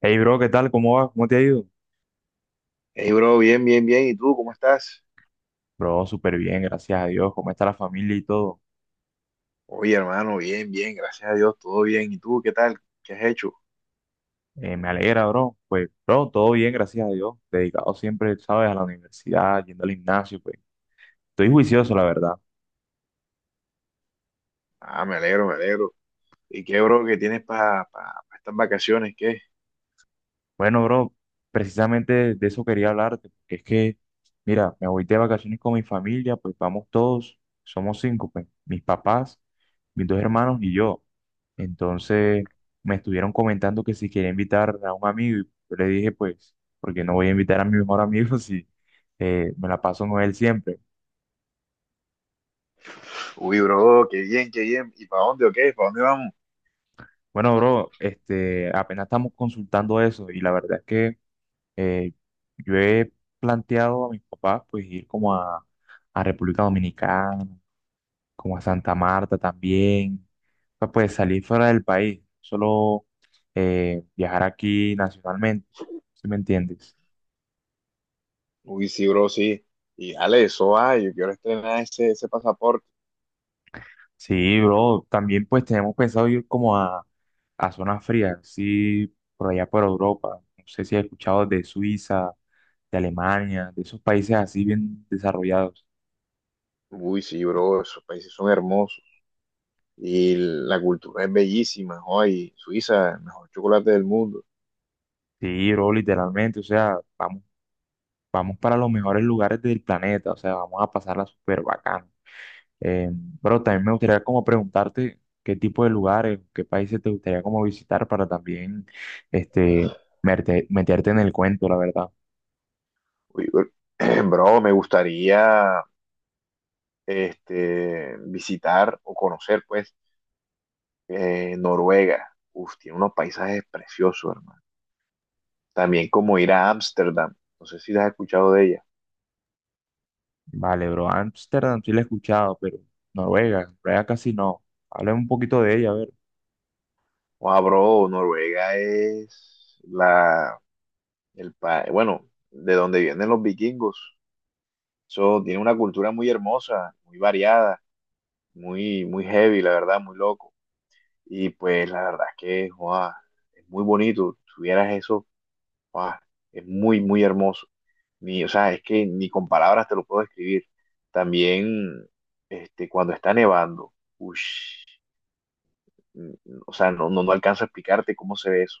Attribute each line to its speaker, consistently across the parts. Speaker 1: Hey bro, ¿qué tal? ¿Cómo vas? ¿Cómo te ha ido?
Speaker 2: Hey, bro, bien, bien, bien. ¿Y tú cómo estás?
Speaker 1: Bro, súper bien, gracias a Dios. ¿Cómo está la familia y todo?
Speaker 2: Oye, hermano, bien, bien, gracias a Dios, todo bien. ¿Y tú qué tal? ¿Qué has hecho?
Speaker 1: Me alegra, bro. Pues, bro, todo bien, gracias a Dios. Dedicado siempre, sabes, a la universidad, yendo al gimnasio, pues. Estoy juicioso, la verdad.
Speaker 2: Ah, me alegro, me alegro. ¿Y qué, bro, qué tienes para estas vacaciones? ¿Qué?
Speaker 1: Bueno, bro, precisamente de eso quería hablarte, porque es que, mira, me voy de vacaciones con mi familia, pues vamos todos, somos cinco, pues, mis papás, mis dos hermanos y yo. Entonces, me estuvieron comentando que si quería invitar a un amigo, y yo le dije, pues, porque no voy a invitar a mi mejor amigo si me la paso con él siempre.
Speaker 2: Uy, bro, qué bien, qué bien. ¿Y para dónde o qué? ¿Para dónde vamos?
Speaker 1: Bueno, bro, este, apenas estamos consultando eso, y la verdad es que Eh, yo he planteado a mis papás pues ir como a República Dominicana, como a Santa Marta también, pues salir fuera del país, solo viajar aquí nacionalmente, ¿si me entiendes?
Speaker 2: Uy, sí, bro, sí. Y dale, eso va, yo quiero estrenar ese pasaporte.
Speaker 1: Sí, bro, también pues tenemos pensado ir como a zonas frías, sí, por allá por Europa, no sé si has escuchado de Suiza, de Alemania, de esos países así bien desarrollados.
Speaker 2: Uy, sí, bro, esos países son hermosos. Y la cultura es bellísima. Hoy, Suiza, el mejor chocolate del mundo.
Speaker 1: Sí, bro, literalmente, o sea, vamos para los mejores lugares del planeta, o sea, vamos a pasarla súper bacán. Eh, pero también me gustaría como preguntarte qué tipo de lugares, qué países te gustaría como visitar para también este, meterte en el cuento, la verdad.
Speaker 2: Uy, bro, bro, me gustaría este, visitar o conocer, pues, Noruega. Uf, tiene unos paisajes preciosos, hermano. También como ir a Ámsterdam. No sé si has escuchado de ella.
Speaker 1: Vale, bro, Ámsterdam sí la he escuchado, pero Noruega, Noruega casi no. Háblame un poquito de ella, a ver.
Speaker 2: Wow, bro, Noruega es el país, bueno, de donde vienen los vikingos. Eso tiene una cultura muy hermosa, muy variada, muy, muy heavy, la verdad, muy loco. Y pues la verdad es que, wow, es muy bonito. Tuvieras esos. Guau, es muy, muy hermoso. Ni, o sea, es que ni con palabras te lo puedo describir. También, este, cuando está nevando, ush, o sea, no alcanzo a explicarte cómo se ve eso.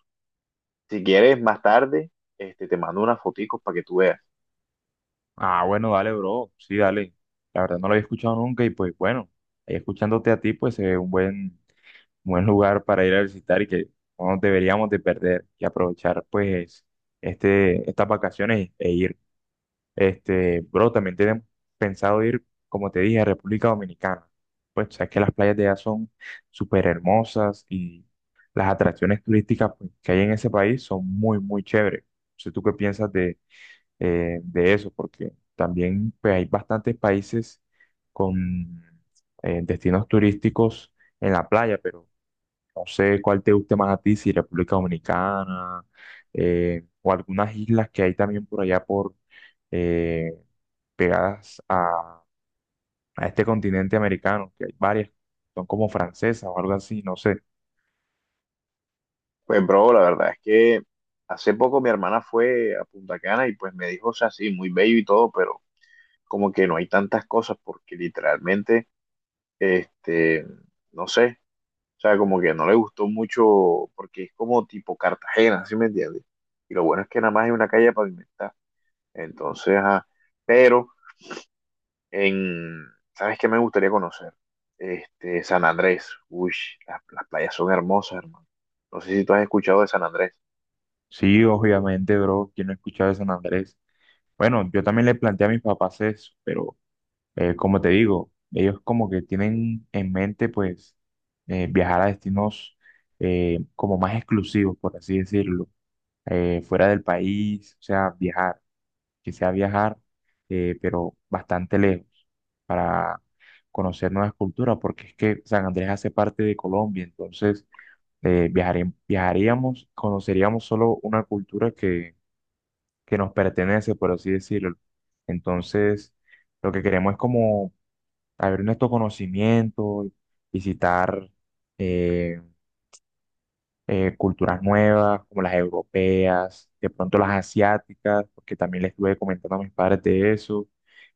Speaker 2: Si quieres, más tarde, este, te mando unas foticos para que tú veas.
Speaker 1: Ah, bueno, dale, bro, sí, dale. La verdad no lo había escuchado nunca y pues bueno, ahí escuchándote a ti, pues se ve un buen buen lugar para ir a visitar y que no nos deberíamos de perder y aprovechar pues este, estas vacaciones e ir. Este, bro, también tenemos pensado ir, como te dije, a República Dominicana. Pues sabes que las playas de allá son súper hermosas y las atracciones turísticas pues, que hay en ese país son muy, muy chéveres. No sé tú qué piensas de eso, porque también pues hay bastantes países con destinos turísticos en la playa, pero no sé cuál te guste más a ti, si República Dominicana o algunas islas que hay también por allá por eh, pegadas a este continente americano, que hay varias, son como francesas o algo así, no sé.
Speaker 2: Pues, bro, la verdad es que hace poco mi hermana fue a Punta Cana y pues me dijo, o sea, sí, muy bello y todo, pero como que no hay tantas cosas porque literalmente, este, no sé. O sea, como que no le gustó mucho porque es como tipo Cartagena, ¿sí me entiendes? Y lo bueno es que nada más hay una calle pavimentada. Entonces, ajá, pero en, ¿sabes qué me gustaría conocer? Este, San Andrés. Uy, las playas son hermosas, hermano. No sé si tú has escuchado de San Andrés.
Speaker 1: Sí, obviamente, bro, quién no ha escuchado de San Andrés. Bueno, yo también le planteé a mis papás eso, pero como te digo, ellos como que tienen en mente pues viajar a destinos como más exclusivos, por así decirlo, fuera del país, o sea, viajar, que sea viajar, pero bastante lejos, para conocer nuevas culturas, porque es que San Andrés hace parte de Colombia, entonces viajaríamos, conoceríamos solo una cultura que nos pertenece, por así decirlo. Entonces, lo que queremos es como abrir nuestro conocimiento, visitar, eh, culturas nuevas, como las europeas, de pronto las asiáticas, porque también les estuve comentando a mis padres de eso.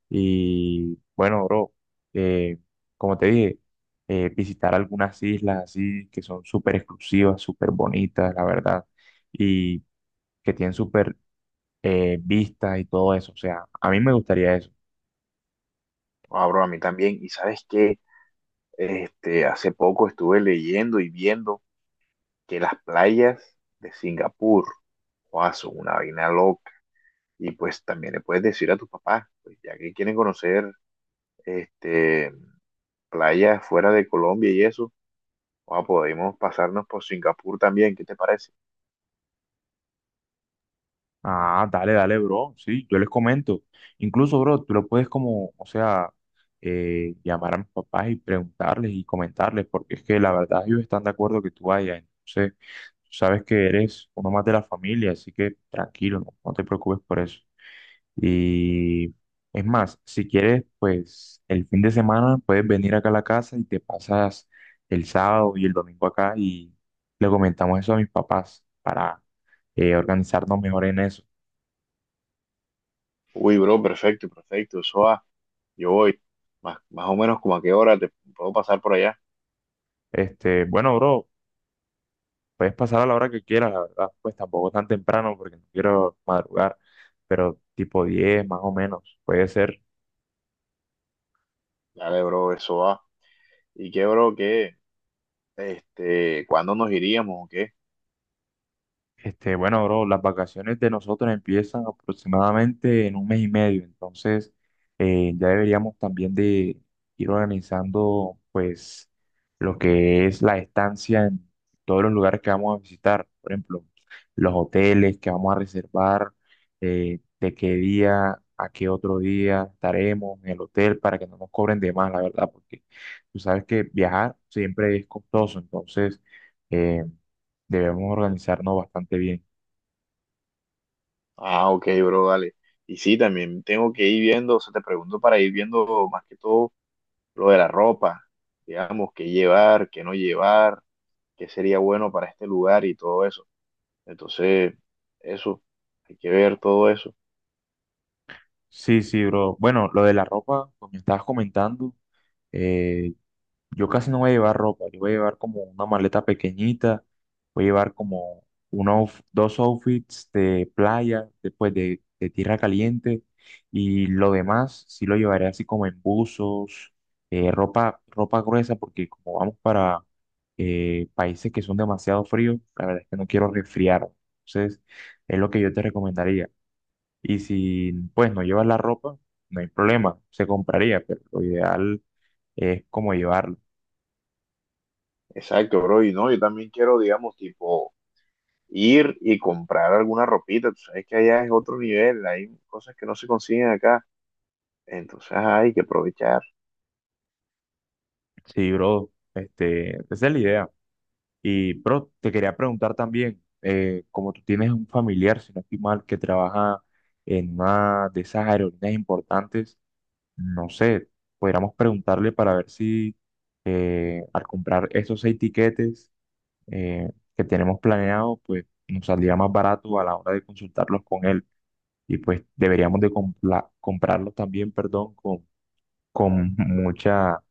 Speaker 1: Y bueno, bro, eh, como te dije, visitar algunas islas así que son súper exclusivas, súper bonitas, la verdad, y que tienen súper vistas y todo eso. O sea, a mí me gustaría eso.
Speaker 2: Ah, bro, a mí también. Y sabes qué, este, hace poco estuve leyendo y viendo que las playas de Singapur, wow, son una vaina loca. Y pues también le puedes decir a tus papás, pues ya que quieren conocer este, playas fuera de Colombia y eso, ah, podemos pasarnos por Singapur también, ¿qué te parece?
Speaker 1: Ah, dale, dale, bro. Sí, yo les comento. Incluso, bro, tú lo puedes como, o sea, llamar a mis papás y preguntarles y comentarles, porque es que la verdad ellos están de acuerdo que tú vayas. Entonces, tú sabes que eres uno más de la familia, así que tranquilo, no, no te preocupes por eso. Y es más, si quieres, pues el fin de semana puedes venir acá a la casa y te pasas el sábado y el domingo acá y le comentamos eso a mis papás para organizarnos mejor en eso.
Speaker 2: Uy, bro, perfecto, perfecto, eso va, yo voy, más, más o menos como a qué hora te puedo pasar por allá.
Speaker 1: Este, bueno, bro, puedes pasar a la hora que quieras, la verdad, pues tampoco tan temprano porque no quiero madrugar, pero tipo 10 más o menos, puede ser.
Speaker 2: Dale, bro, eso va. ¿Y qué, bro, qué? Este, ¿cuándo nos iríamos o qué?
Speaker 1: Este, bueno, bro, las vacaciones de nosotros empiezan aproximadamente en un mes y medio, entonces ya deberíamos también de ir organizando pues lo que es la estancia en todos los lugares que vamos a visitar, por ejemplo, los hoteles que vamos a reservar, de qué día a qué otro día estaremos en el hotel para que no nos cobren de más, la verdad, porque tú sabes que viajar siempre es costoso, entonces eh, debemos organizarnos bastante bien.
Speaker 2: Ah, ok, bro, dale. Y sí, también tengo que ir viendo, o sea, te pregunto para ir viendo más que todo lo de la ropa, digamos, qué llevar, qué no llevar, qué sería bueno para este lugar y todo eso. Entonces, eso, hay que ver todo eso.
Speaker 1: Sí, sí, bro. Bueno, lo de la ropa, como me estabas comentando, eh, yo casi no voy a llevar ropa. Yo voy a llevar como una maleta pequeñita. Voy a llevar como unos dos outfits de playa, después de tierra caliente. Y lo demás sí lo llevaré así como en buzos, ropa gruesa, porque como vamos para países que son demasiado fríos, la verdad es que no quiero resfriar. Entonces, es lo que yo te recomendaría. Y si pues no llevas la ropa, no hay problema, se compraría, pero lo ideal es como llevarlo.
Speaker 2: Exacto, bro. Y no, yo también quiero, digamos, tipo, ir y comprar alguna ropita. Tú sabes que allá es otro nivel, hay cosas que no se consiguen acá. Entonces, ajá, hay que aprovechar.
Speaker 1: Sí, bro, este, esa es la idea. Y bro, te quería preguntar también, como tú tienes un familiar, si no estoy mal, que trabaja en una de esas aerolíneas importantes, no sé, podríamos preguntarle para ver si al comprar esos seis tiquetes que tenemos planeados, pues nos saldría más barato a la hora de consultarlos con él. Y pues deberíamos de comprarlos también, perdón, con mucha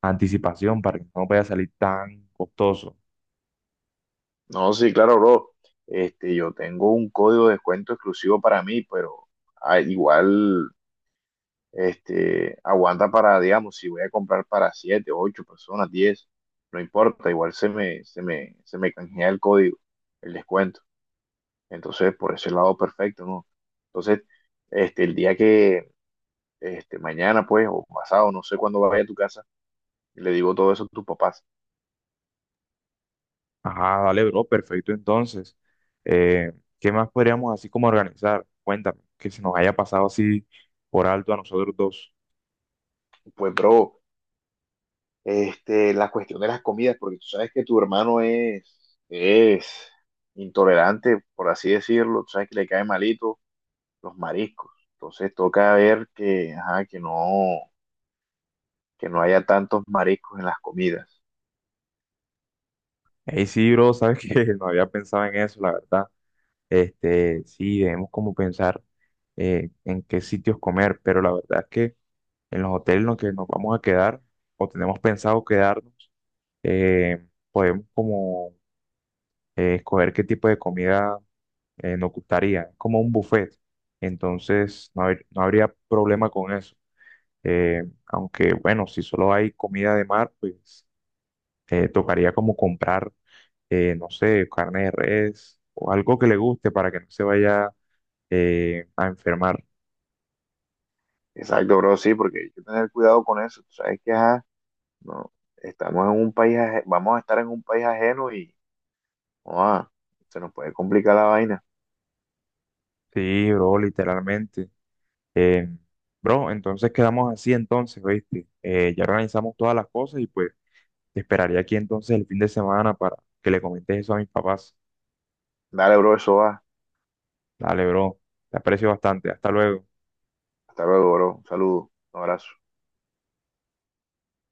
Speaker 1: anticipación para que no vaya a salir tan costoso.
Speaker 2: No, sí, claro, bro. Este, yo tengo un código de descuento exclusivo para mí, pero igual. Este, aguanta para, digamos, si voy a comprar para 7 8 personas, 10 no importa, igual se me canjea el código, el descuento. Entonces, por ese lado, perfecto, ¿no? Entonces, este, el día este, mañana, pues, o pasado, no sé cuándo vaya a tu casa, le digo todo eso a tus papás.
Speaker 1: Ajá, dale, bro, perfecto entonces. Eh, ¿Qué más podríamos así como organizar? Cuéntame, que se nos haya pasado así por alto a nosotros dos.
Speaker 2: Pues, bro, este, la cuestión de las comidas, porque tú sabes que tu hermano es intolerante, por así decirlo, tú sabes que le cae malito los mariscos. Entonces toca ver que, ajá, que no, haya tantos mariscos en las comidas.
Speaker 1: Ey, sí, bro, sabes que no había pensado en eso, la verdad. Este, sí, debemos como pensar en qué sitios comer, pero la verdad es que en los hoteles en los que nos vamos a quedar o tenemos pensado quedarnos, eh, podemos como escoger qué tipo de comida nos gustaría, es como un buffet, entonces no, no habría problema con eso. Aunque bueno, si solo hay comida de mar, pues tocaría como comprar, no sé, carne de res o algo que le guste para que no se vaya a enfermar.
Speaker 2: Exacto, bro, sí, porque hay que tener cuidado con eso. Tú sabes que ajá, no, estamos en un país, vamos a estar en un país ajeno y no, se nos puede complicar la vaina.
Speaker 1: Sí, bro, literalmente. Eh, Bro, entonces quedamos así entonces, ¿viste? Ya organizamos todas las cosas y pues te esperaría aquí entonces el fin de semana para que le comentes eso a mis papás.
Speaker 2: Dale, bro, eso va.
Speaker 1: Dale, bro. Te aprecio bastante. Hasta luego.
Speaker 2: Hasta luego, bro. Un saludo, un abrazo.